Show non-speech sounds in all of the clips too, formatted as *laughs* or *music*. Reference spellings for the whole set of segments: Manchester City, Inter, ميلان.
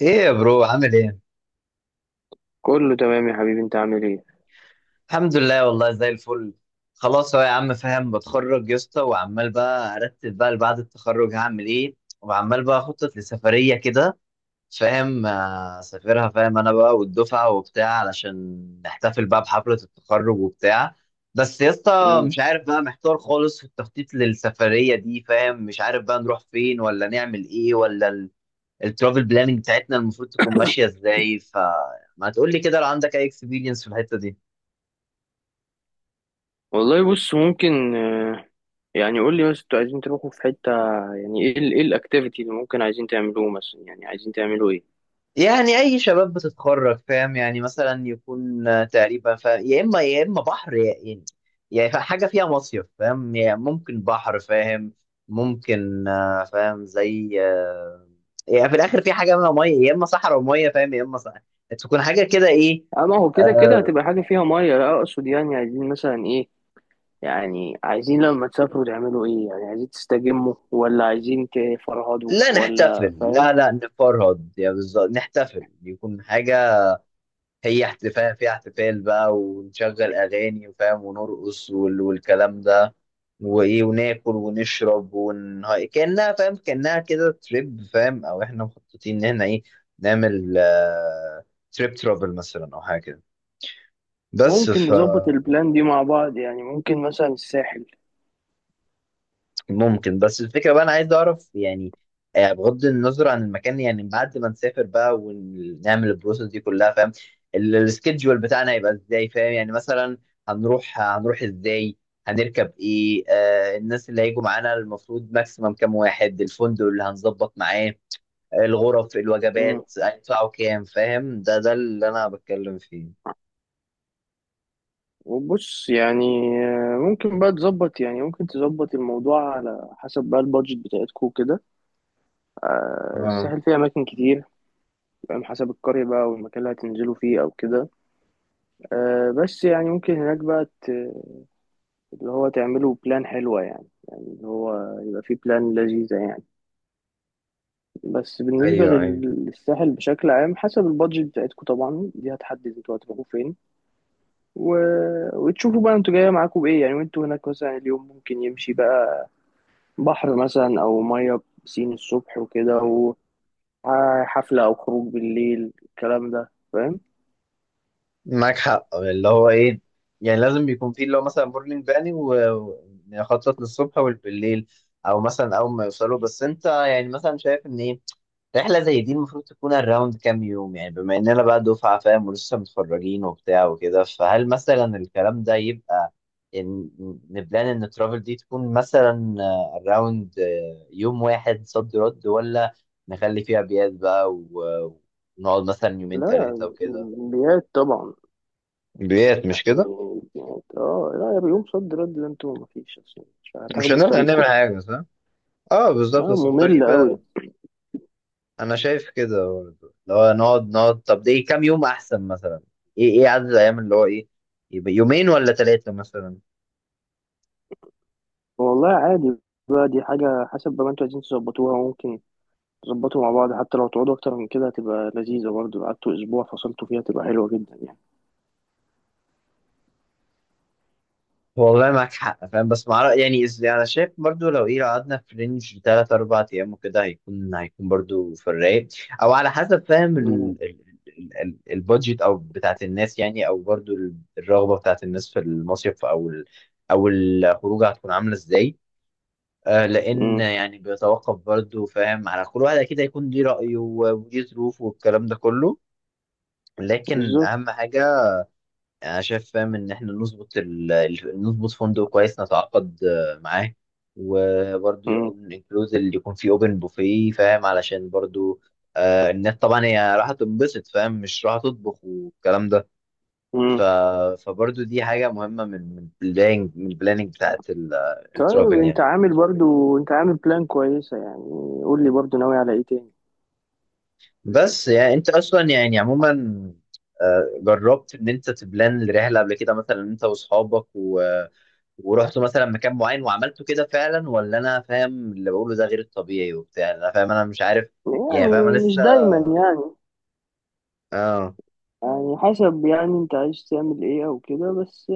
ايه يا برو، عامل ايه؟ كله تمام يا حبيبي، انت عامل ايه؟ الحمد لله، والله زي الفل. خلاص اهو يا عم، فاهم؟ بتخرج يا اسطى وعمال بقى ارتب، بقى بعد التخرج هعمل ايه، وعمال بقى اخطط لسفريه كده، فاهم؟ اسافرها، فاهم؟ انا بقى والدفعه وبتاع، علشان نحتفل بقى بحفله التخرج وبتاع. بس يا اسطى امم. مش عارف، بقى محتار خالص في التخطيط للسفريه دي، فاهم؟ مش عارف بقى نروح فين ولا نعمل ايه ولا الترافل بلاننج بتاعتنا المفروض تكون ماشيه ازاي، فما تقول لي كده لو عندك اي اكسبيرينس في الحته دي. والله بص ممكن، يعني قول لي بس انتوا عايزين تروحوا في حتة. يعني ايه ايه الاكتيفيتي اللي ممكن عايزين تعملوه مثلا، يعني عايزين تعملوا ايه؟ يعني اي شباب بتتخرج، فاهم؟ يعني مثلا يكون تقريبا يا اما بحر، يا يعني، يعني حاجه فيها مصيف، فاهم؟ يعني ممكن بحر، فاهم؟ ممكن فاهم؟ زي يعني في الاخر في حاجه، منها ميه، يا اما صحراء وميه، فاهم؟ يا اما صحراء، تكون حاجه كده، ايه. اه، ما هو كده كده آه هتبقى حاجة فيها مية، لا اقصد يعني عايزين مثلا ايه؟ يعني عايزين لما تسافروا تعملوا ايه؟ يعني عايزين تستجموا ولا عايزين تفرهدوا لا ولا؟ نحتفل، فاهم؟ لا لا نفرهد، يعني بالظبط نحتفل، يكون حاجة هي احتفال. في احتفال بقى، ونشغل اغاني وفاهم ونرقص والكلام ده، وايه، وناكل ونشرب كانها، فاهم؟ كانها كده تريب، فاهم؟ او احنا مخططين ان احنا ايه، نعمل تريب ترافل مثلا او حاجه كده. بس ممكن ف نظبط البلان دي مع بعض، يعني ممكن مثلا الساحل. ممكن، بس الفكرة بقى أنا عايز أعرف، يعني بغض النظر عن المكان، يعني بعد ما نسافر بقى ونعمل البروسيس دي كلها، فاهم؟ السكيدجول بتاعنا هيبقى إزاي، فاهم؟ يعني مثلا هنروح إزاي، هنركب إيه، آه الناس اللي هيجوا معانا المفروض ماكسيمم كام واحد، الفندق اللي هنظبط معاه الغرف، الوجبات هيدفعوا كام، فاهم؟ ده اللي أنا بتكلم فيه. وبص يعني، ممكن بقى تظبط، يعني ممكن تظبط الموضوع على حسب بقى البادجت بتاعتكو كده. اه، الساحل فيه أماكن كتير. فاهم، حسب القرية بقى، والمكان اللي هتنزلوا فيه أو كده. بس يعني ممكن هناك بقى اللي هو تعملوا بلان حلوة، يعني يعني اللي هو يبقى فيه بلان لذيذة يعني. بس بالنسبة ايوه ايوه، للساحل بشكل عام، حسب البادجت بتاعتكو طبعا، دي هتحدد انتوا هتروحوا فين و... وتشوفوا بقى انتوا جاية معاكوا بإيه، يعني وانتوا هناك مثلا، اليوم ممكن يمشي بقى بحر مثلا او ميه، بسين الصبح وكده، وحفله او خروج بالليل، الكلام ده، فاهم؟ معاك حق، اللي هو ايه، يعني لازم بيكون فيه اللي هو مثلا مورنينج باني، ونخطط للصبح والبالليل، او مثلا اول ما يوصلوا. بس انت يعني مثلا شايف ان ايه، رحله زي دي المفروض تكون الراوند كام يوم، يعني بما اننا بقى دفعه، فاهم؟ ولسه متخرجين وبتاع وكده، فهل مثلا الكلام ده يبقى، إن، نبلان ان الترافل دي تكون مثلا الراوند يوم واحد صد رد، ولا نخلي فيها بيات بقى ونقعد مثلا يومين ثلاثه لا، وكده، انبيات طبعا، بيات، مش كده؟ يعني اه، لا يا، بيوم صد رد ده انتوا مفيش اصلا، مش مش هتاخدوا هنقدر الطريق نعمل كله. حاجة، صح؟ اه بالظبط، اه، بس ممل الطريق قوي. بقى، انا شايف كده برضه، لو نقعد نقعد، طب ده ايه كام يوم احسن مثلا؟ ايه ايه عدد الايام اللي هو ايه؟ يبقى يومين ولا ثلاثة مثلا؟ والله عادي. بقى دي حاجه، حسب بقى ما انتوا عايزين تظبطوها، ممكن تظبطوا مع بعض. حتى لو تقعدوا اكتر من كده هتبقى لذيذه برضه. لو قعدتوا اسبوع فصلتوا فيها تبقى حلوه جدا يعني. والله معاك حق، فاهم؟ بس مع يعني يعني انا شايف برضه لو ايه، لو قعدنا في رينج ثلاث اربع ايام وكده هيكون برضه في الرايق، او على حسب، فاهم؟ مم. ال... البادجت او بتاعت الناس، يعني، او برضه الرغبة بتاعت الناس في المصيف او الخروج، هتكون عاملة ازاي. لان مم. يعني بيتوقف برضه، فاهم؟ على كل واحد، اكيد هيكون ليه رايه وليه ظروفه والكلام ده كله. لكن بالظبط. اهم حاجه انا شايف، فاهم؟ ان احنا نظبط نظبط فندق كويس، نتعاقد معاه، وبرضه مم. يكون انكلوز اللي يكون فيه اوبن بوفيه، فاهم؟ علشان برضه آه الناس طبعا هي راح تنبسط، فاهم؟ مش راح تطبخ والكلام ده. ف... مم. فبرضه دي حاجه مهمه من البلاننج، البلاننج بتاعت طيب الترافل يعني. انت عامل بلان كويسة يعني. قول لي برضو، ناوي على ايه تاني؟ بس يعني انت اصلا يعني عموما، جربت ان انت تبلان الرحله قبل كده، مثلا انت واصحابك ورحتوا مثلا مكان معين وعملتوا كده فعلا، ولا انا فاهم اللي بقوله ده غير الطبيعي وبتاع، انا فاهم، انا مش عارف، يعني فاهم، انا يعني، مش لسه. دايما يعني. اه. يعني حسب، يعني انت عايز تعمل ايه او كده، بس.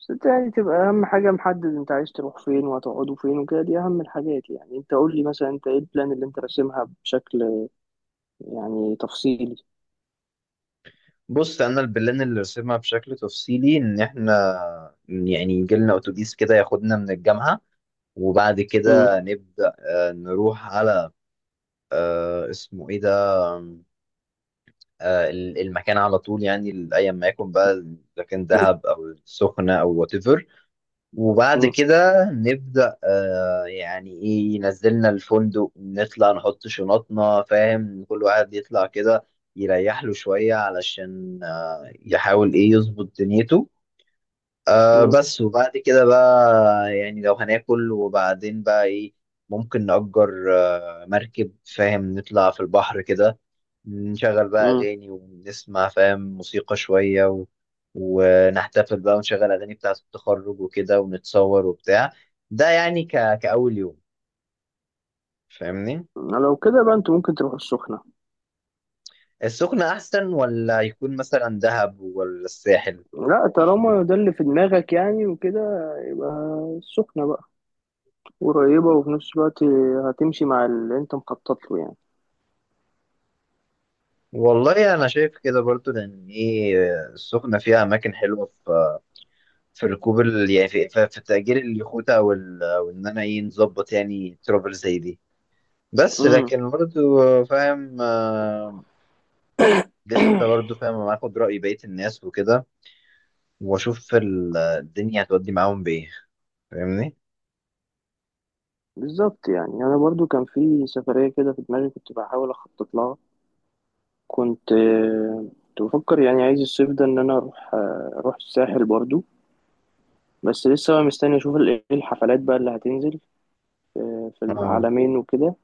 بس انت يعني تبقى اهم حاجة محدد انت عايز تروح فين، وهتقعدوا فين وكده. دي اهم الحاجات، يعني انت قول لي مثلا انت ايه البلان اللي انت راسمها بشكل يعني تفصيلي. بص انا البلان اللي رسمها بشكل تفصيلي ان احنا، يعني يجي لنا اتوبيس كده ياخدنا من الجامعه، وبعد مم. كده نبدا نروح على اسمه ايه ده، المكان على طول، يعني ايا ما يكن بقى، اذا كان دهب او السخنه او وات ايفر. وبعد مم. كده نبدا يعني ايه، ينزلنا الفندق، نطلع نحط شنطنا، فاهم؟ كل واحد يطلع كده يريح له شويه، علشان يحاول ايه يظبط دنيته. آه مم. بس، وبعد كده بقى يعني لو هناكل وبعدين بقى ايه، ممكن نأجر مركب، فاهم؟ نطلع في البحر كده، نشغل بقى مم. أغاني، ونسمع، فاهم؟ موسيقى شوية ونحتفل بقى ونشغل أغاني بتاعة التخرج وكده، ونتصور وبتاع. ده يعني كأول يوم، فاهمني؟ لو كده بقى انت ممكن تروح السخنة. السخنة أحسن، ولا يكون مثلا دهب ولا الساحل؟ لا، طالما ده اللي في دماغك يعني وكده، يبقى السخنة بقى قريبة، وفي نفس الوقت هتمشي مع اللي انت مخطط له يعني. والله أنا شايف كده برضو، لأن إيه، السخنة فيها أماكن حلوة، في في ركوب يعني في تأجير اليخوت وإن أنا إيه نظبط يعني ترافل زي دي. بس امم. لكن برضو، فاهم؟ لسه برضه، فاهم؟ أنا هاخد رأي بقية الناس وكده، وأشوف الدنيا هتودي معاهم بإيه، فاهمني؟ بالظبط، يعني انا برضو كان في سفرية كده في دماغي كنت بحاول اخطط لها. كنت بفكر يعني عايز الصيف ده ان انا اروح، اروح الساحل برضو. بس لسه بقى مستني اشوف ايه الحفلات بقى اللي هتنزل في اه العالمين وكده،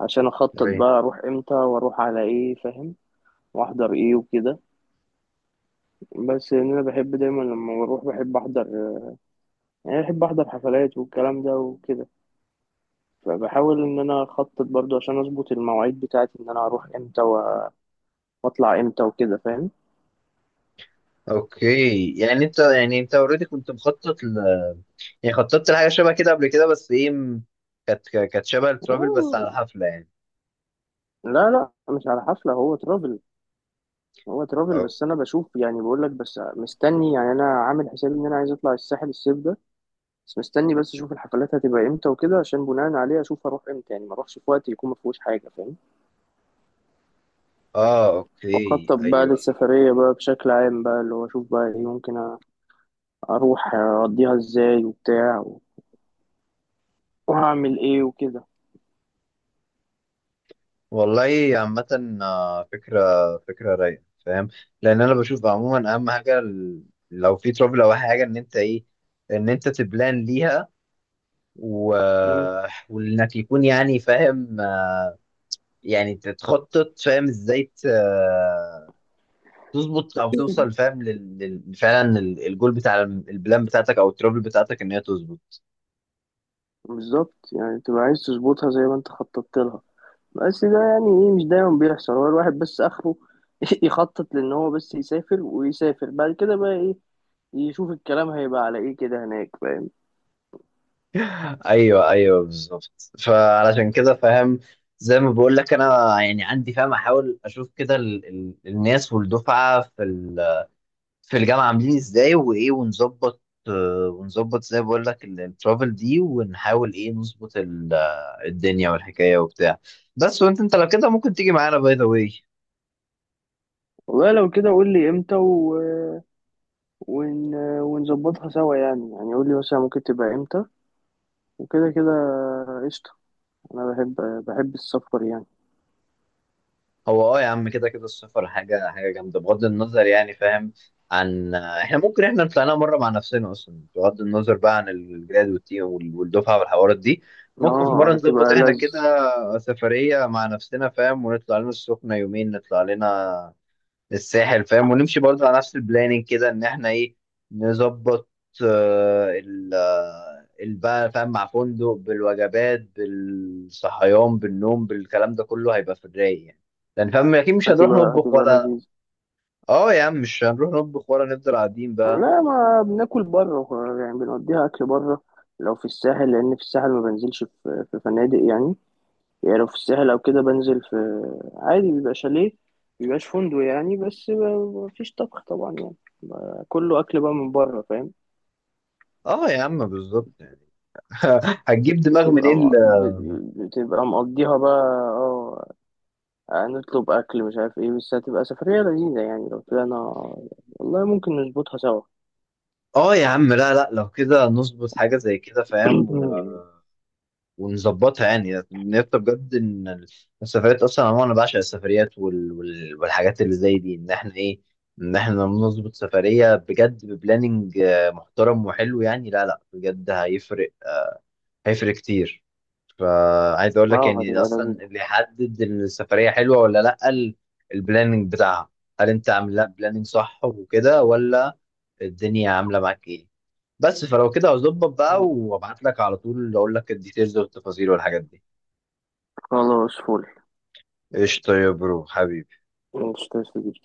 عشان اخطط أوكي، بقى اروح امتى واروح على ايه، فاهم؟ واحضر ايه وكده. بس ان انا بحب دايما لما بروح بحب احضر، يعني بحب احضر حفلات والكلام ده وكده. فبحاول ان انا اخطط برضو عشان اظبط المواعيد بتاعتي، ان انا اروح امتى واطلع امتى وكده، فاهم؟ أوكي. يعني أنت يعني أنت أوريدي كنت مخطط يعني خططت لحاجة شبه كده قبل كده، بس إيه كانت شبه الترافل بس آه، على حفلة، يعني لا، لا، مش على حفلة، هو ترافل. هو ترافل، أو... بس انا بشوف، يعني بقول لك، بس مستني، يعني انا عامل حسابي ان انا عايز اطلع الساحل الصيف ده. بس مستني، بس اشوف الحفلات هتبقى امتى وكده، عشان بناء عليه اشوف اروح امتى، يعني ما اروحش في وقت يكون ما فيهوش حاجة، فاهم؟ آه واخطط أوكي، بقى أيوه. للسفرية بقى بشكل عام، بقى اللي هو اشوف بقى ايه ممكن اروح اقضيها ازاي وبتاع، وهعمل ايه وكده. والله عامة، فكرة رايقة، فاهم؟ لأن أنا بشوف عموما أهم حاجة لو في ترافل أو حاجة، إن أنت إيه، إن أنت تبلان ليها و... مم. وانك يكون يعني، فاهم؟ يعني تتخطط، فاهم؟ ازاي تظبط او توصل، *laughs* فاهم؟ فعلا الجول بتاع البلان بتاعتك او الترابل بتاعتك ان هي تظبط. بالظبط، يعني تبقى عايز تظبطها زي ما انت خططت لها. بس ده يعني ايه مش دايما بيحصل. هو الواحد بس اخره *laughs* يخطط، لان هو بس يسافر ويسافر بعد كده بقى ايه يشوف الكلام هيبقى على ايه كده هناك، فاهم؟ ايوه ايوه بالظبط، فعلشان كده، فاهم؟ زي ما بقول لك، انا يعني عندي، فاهم؟ احاول اشوف كده الناس والدفعه في في الجامعة عاملين ازاي وايه، ونظبط ونظبط زي ما بقول لك الترافل دي، ونحاول ايه نظبط الدنيا والحكاية وبتاع. بس وانت، انت لو كده ممكن تيجي معانا باي ذا واي. والله لو كده قول لي امتى ون... ونظبطها سوا، يعني يعني قول لي مثلا ممكن تبقى امتى وكده كده. قشطة. انا بحب السفر يعني. هو اه يا عم كده كده السفر حاجة حاجة جامدة بغض النظر، يعني، فاهم؟ عن احنا ممكن طلعناها مرة مع نفسنا اصلا، بغض النظر بقى عن الجراد والتيم والدفعة والحوارات دي. ممكن في اه، مرة نظبط احنا كده سفرية مع نفسنا، فاهم؟ ونطلع لنا السخنة يومين، نطلع لنا الساحل، فاهم؟ ونمشي برضه على نفس البلاننج، كده ان احنا ايه، نظبط ال بقى، فاهم؟ مع فندق، بالوجبات بالصحيان بالنوم بالكلام ده كله، هيبقى في الرايق يعني. لان فاهم اكيد مش هنروح هتبقى نطبخ هتبقى ولا، لذيذة. اه يا عم مش هنروح نطبخ ولا نفضل قاعدين بقى. لا، ما بناكل بره، يعني بنوديها اكل بره لو في الساحل، لان في الساحل ما بنزلش في فنادق يعني. يعني لو في الساحل او كده بنزل في، عادي بيبقى شاليه، مبيبقاش فندق يعني، بس مفيش طبخ طبعا يعني، كله اكل بقى من بره، فاهم. اه يا عم بالظبط يعني. *laughs* هتجيب دماغ بتبقى منين م- ب- بتبقى مقضيها بقى. اه، نطلب اكل مش عارف ايه، بس هتبقى سفرية لذيذة يعني لو طلعنا. والله ممكن نظبطها سوا. اه يا عم، لا لا، لو كده نظبط حاجة زي كده، فاهم؟ *coughs* *clears throat* ونظبطها يعني، نبقى بجد ان السفريات اصلا عموما، انا بعشق السفريات والحاجات اللي زي دي، ان احنا ايه، ان احنا نظبط سفريه بجد ببلاننج محترم وحلو، يعني لا لا بجد هيفرق، هيفرق كتير. فعايز اقول لك اه، يعني هتبقى لذيذة. اصلا اللي يحدد السفريه حلوه ولا لا البلاننج بتاعها. هل انت عامل لها بلاننج صح وكده، ولا الدنيا عامله معاك ايه؟ بس فلو كده هظبط بقى وابعت لك على طول، اقول لك الديتيلز والتفاصيل والحاجات دي. خلاص، فل. قشطة يا برو، حبيبي. Manchester City.